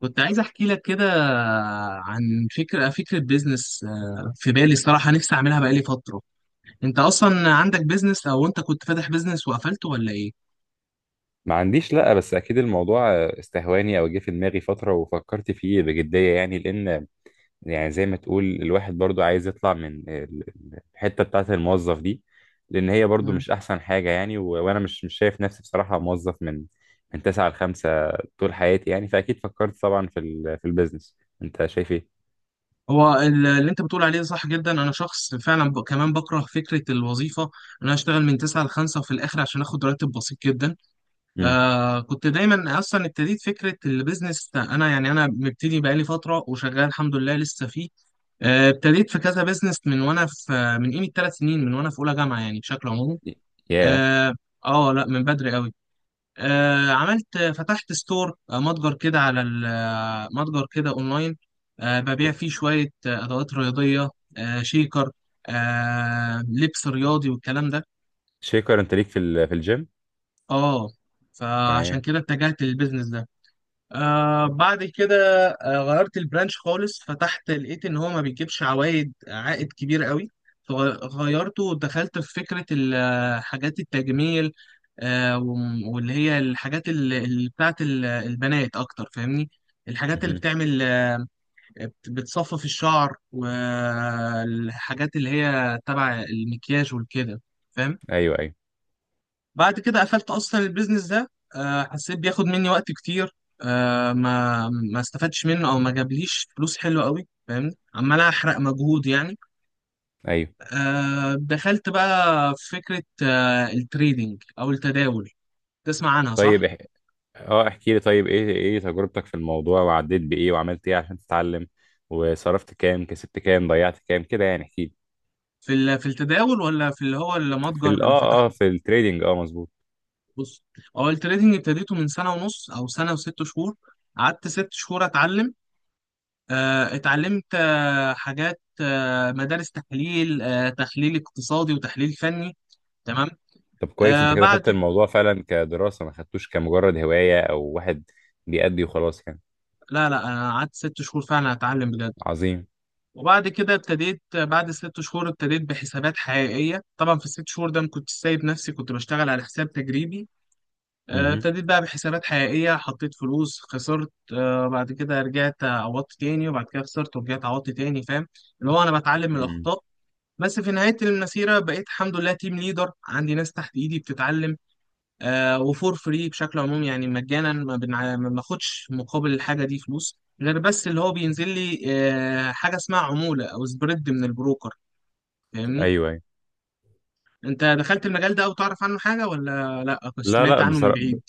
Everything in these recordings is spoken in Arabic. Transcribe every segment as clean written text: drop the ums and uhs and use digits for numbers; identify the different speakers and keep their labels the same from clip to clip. Speaker 1: كنت عايز احكي لك كده عن فكره بيزنس، في بالي صراحه نفسي اعملها بقالي فتره. انت اصلا عندك بيزنس او انت كنت فاتح بيزنس وقفلته ولا ايه؟
Speaker 2: ما عنديش، لأ. بس أكيد الموضوع استهواني أو جه في دماغي فترة وفكرت فيه بجدية يعني. لأن يعني زي ما تقول الواحد برضو عايز يطلع من الحتة بتاعة الموظف دي. لأن هي برضو
Speaker 1: مم.
Speaker 2: مش أحسن حاجة يعني، و- وأنا مش شايف نفسي بصراحة موظف من تسعة لخمسة طول حياتي يعني. فأكيد فكرت طبعا في ال في البيزنس. أنت شايف إيه؟
Speaker 1: هو اللي انت بتقول عليه ده صح جدا، انا شخص فعلا كمان بكره فكره الوظيفه، ان انا اشتغل من 9 ل 5 وفي الاخر عشان اخد راتب بسيط جدا.
Speaker 2: امم
Speaker 1: آه، كنت دايما اصلا ابتديت فكره البيزنس ده. انا يعني انا مبتدي بقالي فتره وشغال الحمد لله لسه فيه. ابتديت في كذا بيزنس من قيمه 3 سنين من وانا في اولى جامعه، يعني بشكل عمومي.
Speaker 2: يا
Speaker 1: اه. لا، من بدري قوي. آه، عملت، فتحت ستور، متجر كده على متجر كده اونلاين. آه، ببيع فيه شويه ادوات رياضيه، آه، شيكر، آه، لبس رياضي والكلام ده.
Speaker 2: شيكر، أنت ليك في ال في الجيم؟
Speaker 1: اه، فعشان
Speaker 2: تمام.
Speaker 1: كده اتجهت للبيزنس ده. آه، بعد كده آه غيرت البرانش خالص، فتحت لقيت ان هو ما بيجيبش عائد كبير قوي، فغيرته ودخلت في فكرة حاجات التجميل. واللي هي الحاجات اللي بتاعت البنات اكتر، فاهمني؟ الحاجات اللي
Speaker 2: مهم.
Speaker 1: بتعمل، بتصفف الشعر، والحاجات اللي هي تبع المكياج والكده، فاهم؟
Speaker 2: أيوه أيوه
Speaker 1: بعد كده قفلت اصلا البيزنس ده، آه، حسيت بياخد مني وقت كتير، آه، ما استفدتش منه او ما جابليش فلوس حلوه قوي، فاهمني؟ عمال احرق مجهود يعني.
Speaker 2: أيوه.
Speaker 1: آه، دخلت بقى في فكره التريدينج او التداول، تسمع عنها صح؟
Speaker 2: طيب، اه احكي لي طيب، ايه ايه تجربتك في الموضوع، وعديت بايه، وعملت ايه عشان تتعلم، وصرفت كام، كسبت كام، ضيعت كام، كده يعني؟ احكي لي.
Speaker 1: في في التداول ولا في اللي هو
Speaker 2: في
Speaker 1: المتجر
Speaker 2: ال
Speaker 1: اللي
Speaker 2: اه اه
Speaker 1: فتحته؟
Speaker 2: في التريدينج، اه، مظبوط.
Speaker 1: بص، هو التريدينج ابتديته من سنة ونص او سنة و6 شهور. قعدت 6 شهور اتعلم. آه، اتعلمت، حاجات، مدارس تحليل، تحليل اقتصادي وتحليل فني. تمام.
Speaker 2: طب كويس، انت
Speaker 1: آه،
Speaker 2: كده خدت
Speaker 1: بعد
Speaker 2: الموضوع فعلا كدراسة، ما خدتوش كمجرد هواية او واحد بيأدي وخلاص يعني.
Speaker 1: لا لا، انا قعدت 6 شهور فعلا اتعلم بجد.
Speaker 2: عظيم.
Speaker 1: وبعد كده ابتديت، بعد 6 شهور ابتديت بحسابات حقيقيه. طبعا في الـ6 شهور ده ما كنتش سايب نفسي، كنت بشتغل على حساب تجريبي. آه،
Speaker 2: امم.
Speaker 1: ابتديت بقى بحسابات حقيقيه، حطيت فلوس خسرت، آه، بعد كده رجعت عوضت تاني، وبعد كده خسرت ورجعت عوضت تاني، فاهم؟ اللي هو انا بتعلم من الاخطاء. بس في نهاية المسيرة بقيت الحمد لله تيم ليدر، عندي ناس تحت إيدي بتتعلم، آه، وفور فري بشكل عموم، يعني مجانا، ما باخدش مقابل الحاجة دي فلوس، غير بس اللي هو بينزل لي آه حاجة اسمها عمولة أو سبريد من البروكر، فاهمني؟
Speaker 2: ايوه ايوه.
Speaker 1: أنت دخلت المجال ده أو تعرف عنه حاجة ولا لأ؟ كنت
Speaker 2: لا
Speaker 1: سمعت
Speaker 2: لا
Speaker 1: عنه من
Speaker 2: بصراحة،
Speaker 1: بعيد؟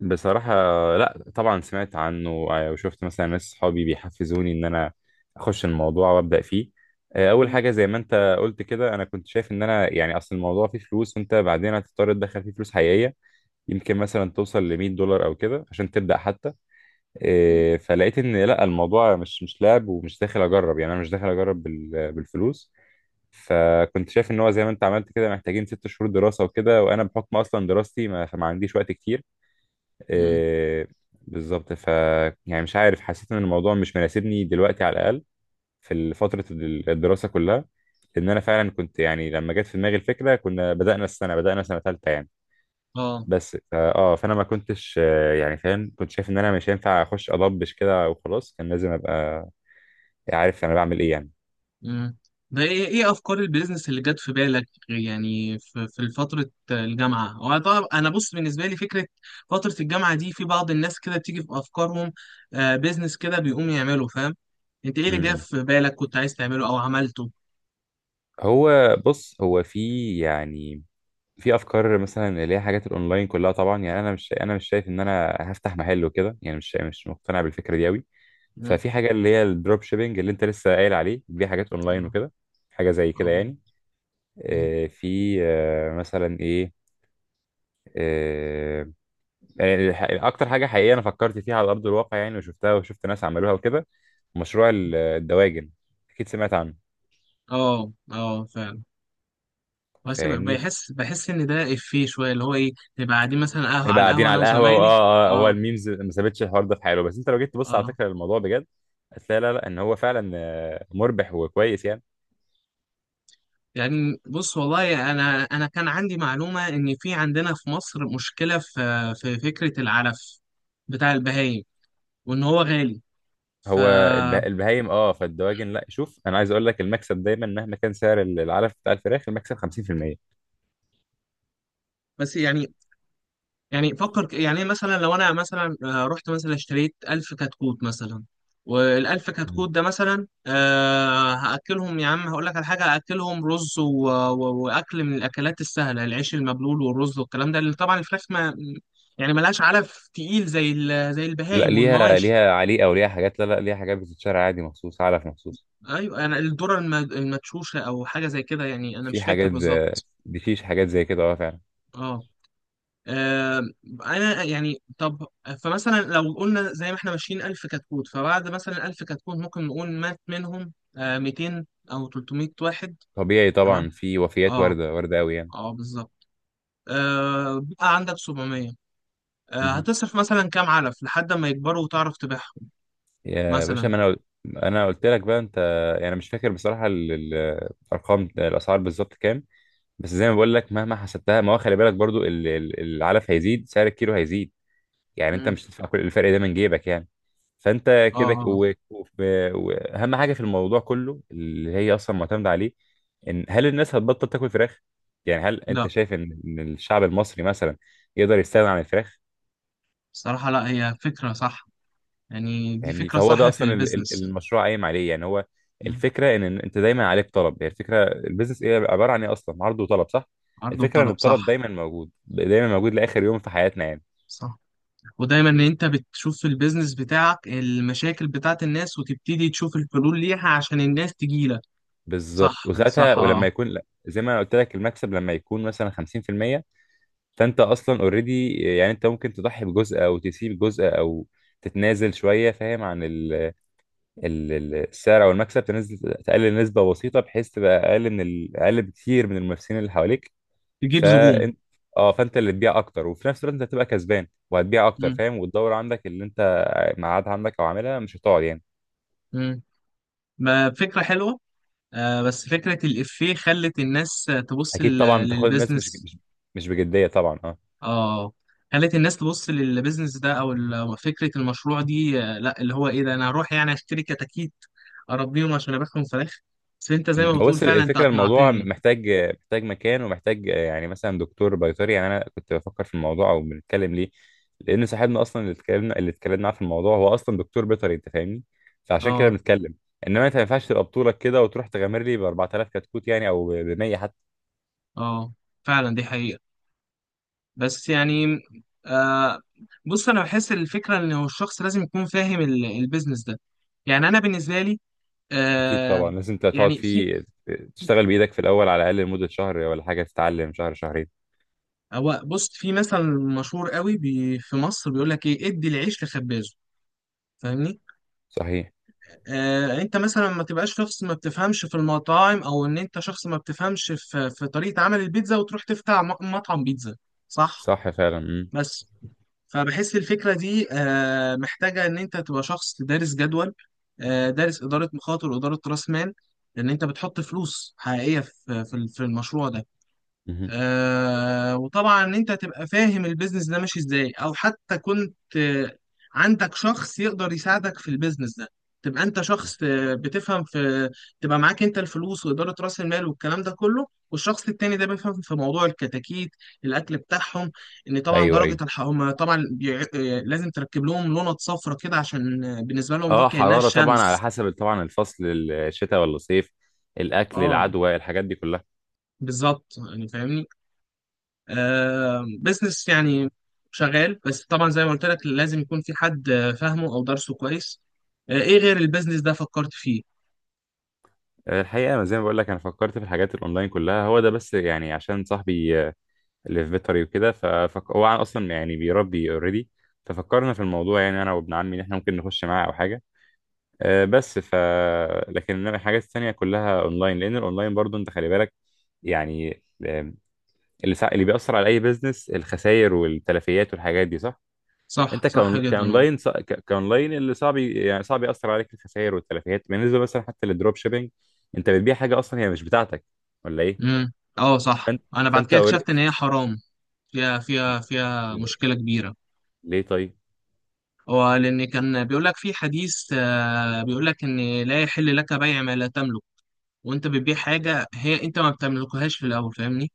Speaker 2: بصراحة لا. طبعا سمعت عنه، وشفت مثلا ناس صحابي بيحفزوني ان انا اخش الموضوع وابدأ فيه. اول
Speaker 1: مم.
Speaker 2: حاجة زي ما انت قلت كده، انا كنت شايف ان انا، يعني، اصل الموضوع فيه فلوس وانت بعدين هتضطر تدخل فيه فلوس حقيقية. يمكن مثلا توصل ل 100 دولار او كده عشان تبدأ حتى. فلقيت ان لا، الموضوع مش مش لعب، ومش داخل اجرب يعني. انا مش داخل اجرب بال- بالفلوس. فكنت شايف ان هو زي ما انت عملت كده، محتاجين ست شهور دراسة وكده، وانا بحكم اصلا دراستي ما عنديش وقت كتير.
Speaker 1: مم.
Speaker 2: إيه، بالظبط. ف يعني مش عارف، حسيت ان الموضوع مش مناسبني دلوقتي على الاقل، في فتره الدراسه كلها. لان انا فعلا كنت، يعني لما جت في دماغي الفكره كنا بدانا السنه، بدانا سنه ثالثه يعني.
Speaker 1: آه.
Speaker 2: بس فا- اه فانا ما كنتش يعني فاهم. كنت شايف ان انا مش هينفع اخش اضبش كده وخلاص، كان لازم ابقى عارف انا بعمل ايه يعني.
Speaker 1: مم. ده ايه ايه افكار البيزنس اللي جت في بالك يعني في فتره الجامعه؟ هو طبعا انا بص بالنسبه لي فكره فتره الجامعه دي، في بعض الناس كده بتيجي في افكارهم آه بيزنس كده بيقوم يعمله، فاهم؟ انت ايه اللي جه
Speaker 2: امم.
Speaker 1: في بالك كنت عايز تعمله او عملته؟
Speaker 2: هو بص، هو في، يعني، في افكار مثلا اللي هي حاجات الاونلاين كلها طبعا. يعني انا مش، انا مش شايف ان انا هفتح محل وكده يعني، مش مش مقتنع بالفكره دي قوي.
Speaker 1: مم.
Speaker 2: ففي حاجه اللي هي الدروب شيبينج اللي انت لسه قايل عليه دي، حاجات اونلاين
Speaker 1: اه
Speaker 2: وكده، حاجه زي كده
Speaker 1: اه.
Speaker 2: يعني.
Speaker 1: مم.
Speaker 2: آه، في آه، مثلا ايه، آه، يعني اكتر حاجه حقيقيه انا فكرت فيها على ارض الواقع يعني، وشفتها وشفت ناس عملوها وكده، مشروع الدواجن. اكيد سمعت عنه.
Speaker 1: اه، آه، فعلا. بس
Speaker 2: فاهمني،
Speaker 1: بحس ان ده افيه شويه اللي هو ايه، نبقى قاعدين مثلا قهوه على
Speaker 2: يبقى قاعدين
Speaker 1: القهوه انا
Speaker 2: على القهوه، واه
Speaker 1: وزمايلي.
Speaker 2: اه آه، هو
Speaker 1: اه.
Speaker 2: الميمز ما سابتش الحوار ده في حاله. بس انت لو جيت تبص على
Speaker 1: اه.
Speaker 2: فكره الموضوع بجد، هتلاقي لا لا، ان هو فعلا مربح وكويس يعني.
Speaker 1: يعني بص والله، انا كان عندي معلومه ان في عندنا في مصر مشكله في فكره العلف بتاع البهايم، وان هو غالي، ف...
Speaker 2: هو البهايم، اه، فالدواجن لا. شوف، انا عايز اقول لك المكسب دايما مهما كان سعر العلف بتاع الفراخ، المكسب 50%.
Speaker 1: بس يعني، يعني فكر يعني مثلا لو انا مثلا، آه، رحت مثلا اشتريت ألف كتكوت مثلا، والألف
Speaker 2: مم.
Speaker 1: كتكوت ده مثلا آه هأكلهم، يا عم هقول لك على حاجة، هأكلهم رز وأكل من الأكلات السهلة، العيش المبلول والرز والكلام ده، اللي طبعا الفراخ ما يعني ملهاش علف تقيل زي زي
Speaker 2: لا،
Speaker 1: البهايم
Speaker 2: ليها،
Speaker 1: والمواشي.
Speaker 2: ليها عليقه وليها حاجات، لا لا ليها حاجات بتتشرى عادي، مخصوص، علف مخصوص.
Speaker 1: ايوه، انا الذره المدشوشه او حاجه زي كده، يعني انا مش
Speaker 2: في
Speaker 1: فاكر
Speaker 2: حاجات زي
Speaker 1: بالظبط.
Speaker 2: دي، فيش حاجات زي كده، اه، فعلا.
Speaker 1: اه. آه، انا يعني طب، فمثلا لو قلنا زي ما احنا ماشيين ألف كتكوت، فبعد مثلا ألف كتكوت ممكن نقول مات منهم، آه، 200 او 300 واحد.
Speaker 2: طبيعي
Speaker 1: تمام.
Speaker 2: طبعا، في وفيات
Speaker 1: اه.
Speaker 2: وارده، وارده قوي يعني.
Speaker 1: اه بالظبط. آه، بقى عندك 700، آه،
Speaker 2: مهم.
Speaker 1: هتصرف مثلا كام علف لحد ما يكبروا وتعرف تبيعهم
Speaker 2: يا باشا،
Speaker 1: مثلا.
Speaker 2: ما انا قلت لك بقى انت، يعني أنا مش فاكر بصراحه الارقام، الاسعار بالظبط كام. بس زي ما بقول لك، مهما حسبتها ما هو خلي بالك برضو العلف هيزيد، سعر الكيلو هيزيد. يعني انت
Speaker 1: مم.
Speaker 2: مش هتدفع كل الفرق ده من جيبك يعني. فانت
Speaker 1: اه،
Speaker 2: كده
Speaker 1: آه، آه.
Speaker 2: واهم حاجه في الموضوع كله اللي هي اصلا معتمده عليه، ان هل الناس هتبطل تاكل فراخ؟ يعني هل انت
Speaker 1: لا
Speaker 2: شايف ان إن الشعب المصري مثلا يقدر يستغنى عن الفراخ؟
Speaker 1: صراحة لا، هي فكرة صح، يعني دي
Speaker 2: فاهمني،
Speaker 1: فكرة
Speaker 2: فهو ده
Speaker 1: صح في
Speaker 2: اصلا
Speaker 1: البيزنس.
Speaker 2: المشروع قايم عليه يعني. هو الفكره ان إن انت دايما عليك طلب. هي الفكره البيزنس ايه، عباره عن ايه اصلا؟ عرض وطلب، صح؟
Speaker 1: عرض
Speaker 2: الفكره ان
Speaker 1: وطلب
Speaker 2: الطلب
Speaker 1: صح.
Speaker 2: دايما موجود، دايما موجود لاخر يوم في حياتنا يعني.
Speaker 1: صح، ودايما ان انت بتشوف في البيزنس بتاعك المشاكل بتاعت الناس، وتبتدي تشوف الحلول ليها عشان الناس تجيلك.
Speaker 2: بالظبط.
Speaker 1: صح
Speaker 2: وساعتها،
Speaker 1: صح، اه،
Speaker 2: ولما يكون، لا زي ما انا قلت لك المكسب لما يكون مثلا 50%، فانت اصلا اوريدي يعني. انت ممكن تضحي بجزء، او تسيب جزء، او تتنازل شويه فاهم، عن ال- السعر او المكسب، تنزل تقلل نسبه بسيطه بحيث تبقى اقل من اقل بكتير من المنافسين اللي حواليك.
Speaker 1: تجيب زبون.
Speaker 2: فانت اه فانت اللي تبيع اكتر، وفي نفس الوقت انت هتبقى كسبان وهتبيع اكتر،
Speaker 1: مم.
Speaker 2: فاهم. والدوره عندك اللي انت معاد عندك او عاملها مش هتقعد يعني.
Speaker 1: مم. ما فكرة حلوة. آه، بس فكرة الإفيه خلت الناس تبص
Speaker 2: اكيد طبعا، بتاخد الناس مش
Speaker 1: للبيزنس.
Speaker 2: مش مش بجديه طبعا.
Speaker 1: اه، خلت الناس تبص للبيزنس ده او فكرة المشروع دي، آه لا اللي هو ايه، ده انا هروح يعني اشتري كتاكيت اربيهم عشان ابيعهم فراخ. بس انت زي
Speaker 2: مم.
Speaker 1: ما
Speaker 2: هو
Speaker 1: بتقول
Speaker 2: بس
Speaker 1: فعلا، انت
Speaker 2: الفكرة، الموضوع
Speaker 1: اقنعتني.
Speaker 2: محتاج، محتاج مكان، ومحتاج يعني مثلا دكتور بيطري. يعني أنا كنت بفكر في الموضوع أو بنتكلم ليه، لأن صاحبنا أصلا اللي اتكلمنا، اللي اتكلمنا معاه في الموضوع، هو أصلا دكتور بيطري، أنت فاهمني؟ فعشان كده
Speaker 1: اه.
Speaker 2: بنتكلم. إنما أنت ما ينفعش تبقى بطولك كده وتروح تغامر لي ب 4000 كتكوت يعني، أو ب 100 حتى.
Speaker 1: اه فعلا دي حقيقة. بس يعني، آه، بص انا بحس الفكرة ان هو الشخص لازم يكون فاهم البيزنس ده. يعني انا بالنسبة لي،
Speaker 2: أكيد
Speaker 1: آه،
Speaker 2: طبعا، لازم أنت تقعد
Speaker 1: يعني في.
Speaker 2: فيه، تشتغل بإيدك في الأول على الأقل، لمدة شهر ولا حاجة، تتعلم شهر شهرين.
Speaker 1: هو بص، في مثل مشهور قوي بي في مصر بيقول لك ايه، ادي العيش لخبازه، فاهمني؟
Speaker 2: صحيح.
Speaker 1: آه، انت مثلا ما تبقاش شخص ما بتفهمش في المطاعم، او ان انت شخص ما بتفهمش في طريقة عمل البيتزا وتروح تفتح مطعم بيتزا، صح؟
Speaker 2: صح فعلا. مم.
Speaker 1: بس فبحس الفكرة دي، آه، محتاجة إن أنت تبقى شخص دارس جدول، آه، دارس إدارة مخاطر وإدارة رأس مال، لأن أنت بتحط فلوس حقيقية في المشروع ده.
Speaker 2: مهم.
Speaker 1: آه، وطبعا ان انت تبقى فاهم البيزنس ده ماشي ازاي، او حتى كنت، آه، عندك شخص يقدر يساعدك في البيزنس ده. تبقى انت شخص، آه، بتفهم في، تبقى معاك انت الفلوس واداره راس المال والكلام ده كله، والشخص التاني ده بيفهم في موضوع الكتاكيت، الاكل بتاعهم، ان طبعا
Speaker 2: أيوه أيوه.
Speaker 1: درجه الحراره طبعا لازم تركب لهم لونة صفرة كده، عشان آه، بالنسبه لهم دي
Speaker 2: اه،
Speaker 1: كانها
Speaker 2: حرارة طبعا، على
Speaker 1: الشمس.
Speaker 2: حسب طبعا الفصل، الشتاء ولا الصيف، الاكل،
Speaker 1: اه
Speaker 2: العدوى، الحاجات دي كلها.
Speaker 1: بالظبط يعني، فاهمني؟ آه، بزنس يعني شغال، بس طبعا زي ما قلت لك لازم يكون في حد، آه، فاهمه او درسه كويس. آه، ايه غير البيزنس ده فكرت فيه؟
Speaker 2: الحقيقة زي ما بقول لك، انا فكرت في الحاجات الاونلاين كلها، هو ده بس، يعني عشان صاحبي اللي في بيطري وكده، هو اصلا يعني بيربي اوريدي. ففكرنا في الموضوع، يعني انا وابن عمي، ان احنا ممكن نخش معاه او حاجة. آه، بس ف لكن إنما الحاجات التانية كلها اونلاين، لان الاونلاين برضو انت خلي بالك، يعني اللي بيأثر على اي بيزنس الخسائر والتلفيات والحاجات دي، صح.
Speaker 1: صح
Speaker 2: انت
Speaker 1: صح جدا، اه.
Speaker 2: كاونلاين كاونلاين اللي صعب يعني صعب ياثر عليك الخسائر والتلفيات، بالنسبه مثلا حتى للدروب شيبينج، انت بتبيع حاجه اصلا هي مش بتاعتك، ولا ايه؟
Speaker 1: امم، اه صح،
Speaker 2: فانت
Speaker 1: انا بعد
Speaker 2: فانت
Speaker 1: كده
Speaker 2: أوري...
Speaker 1: اكتشفت ان هي حرام. فيها فيها مشكلة كبيرة.
Speaker 2: ليه طيب؟
Speaker 1: هو لان كان بيقول لك في حديث، آه، بيقول لك ان لا يحل لك بيع ما لا تملك، وانت بتبيع حاجة هي انت ما بتملكهاش في الاول، فاهمني؟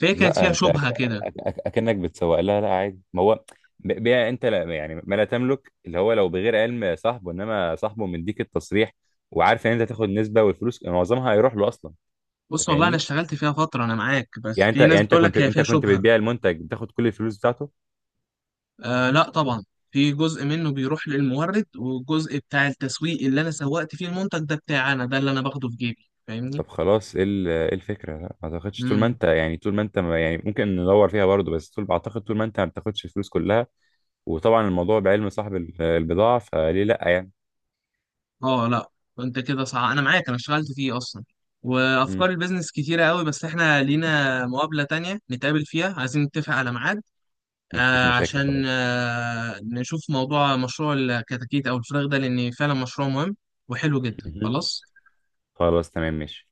Speaker 1: فهي كانت
Speaker 2: لا
Speaker 1: فيها
Speaker 2: انت
Speaker 1: شبهة كده.
Speaker 2: اكنك بتسوق لها، لا عادي. ما هو بيع انت، لا يعني ما لا تملك اللي هو لو بغير علم صاحبه، انما صاحبه مديك التصريح، وعارف ان انت تاخد نسبه، والفلوس معظمها هيروح له اصلا. انت
Speaker 1: بص والله انا
Speaker 2: فاهمني،
Speaker 1: اشتغلت فيها فترة، انا معاك، بس
Speaker 2: يعني انت،
Speaker 1: في ناس
Speaker 2: يعني انت
Speaker 1: بتقول
Speaker 2: كنت،
Speaker 1: لك هي
Speaker 2: انت
Speaker 1: فيها
Speaker 2: كنت
Speaker 1: شبهة.
Speaker 2: بتبيع المنتج بتاخد كل الفلوس بتاعته؟
Speaker 1: آه لا طبعا، في جزء منه بيروح للمورد، والجزء بتاع التسويق اللي انا سوقت فيه المنتج ده بتاعي، انا ده اللي انا باخده في جيبي، فاهمني؟
Speaker 2: طب خلاص، ايه إيه الفكرة؟ لا ما تاخدش، طول ما
Speaker 1: امم.
Speaker 2: انت، يعني طول ما انت ما، يعني ممكن ندور فيها برضه، بس طول اعتقد طول ما انت ما بتاخدش الفلوس كلها، وطبعا الموضوع بعلم صاحب البضاعة، فليه لا يعني.
Speaker 1: اه لا، انت كده صح، انا معاك، انا اشتغلت فيه اصلا. وافكار
Speaker 2: مم.
Speaker 1: البيزنس كتيره قوي، بس احنا لينا مقابله تانية نتقابل فيها، عايزين نتفق على ميعاد.
Speaker 2: مفيش
Speaker 1: آه
Speaker 2: مشاكل،
Speaker 1: عشان
Speaker 2: خلاص.
Speaker 1: آه نشوف موضوع مشروع الكتاكيت او الفراخ ده، لان فعلا مشروع مهم وحلو جدا.
Speaker 2: مهم.
Speaker 1: خلاص.
Speaker 2: خلاص تمام، ماشي.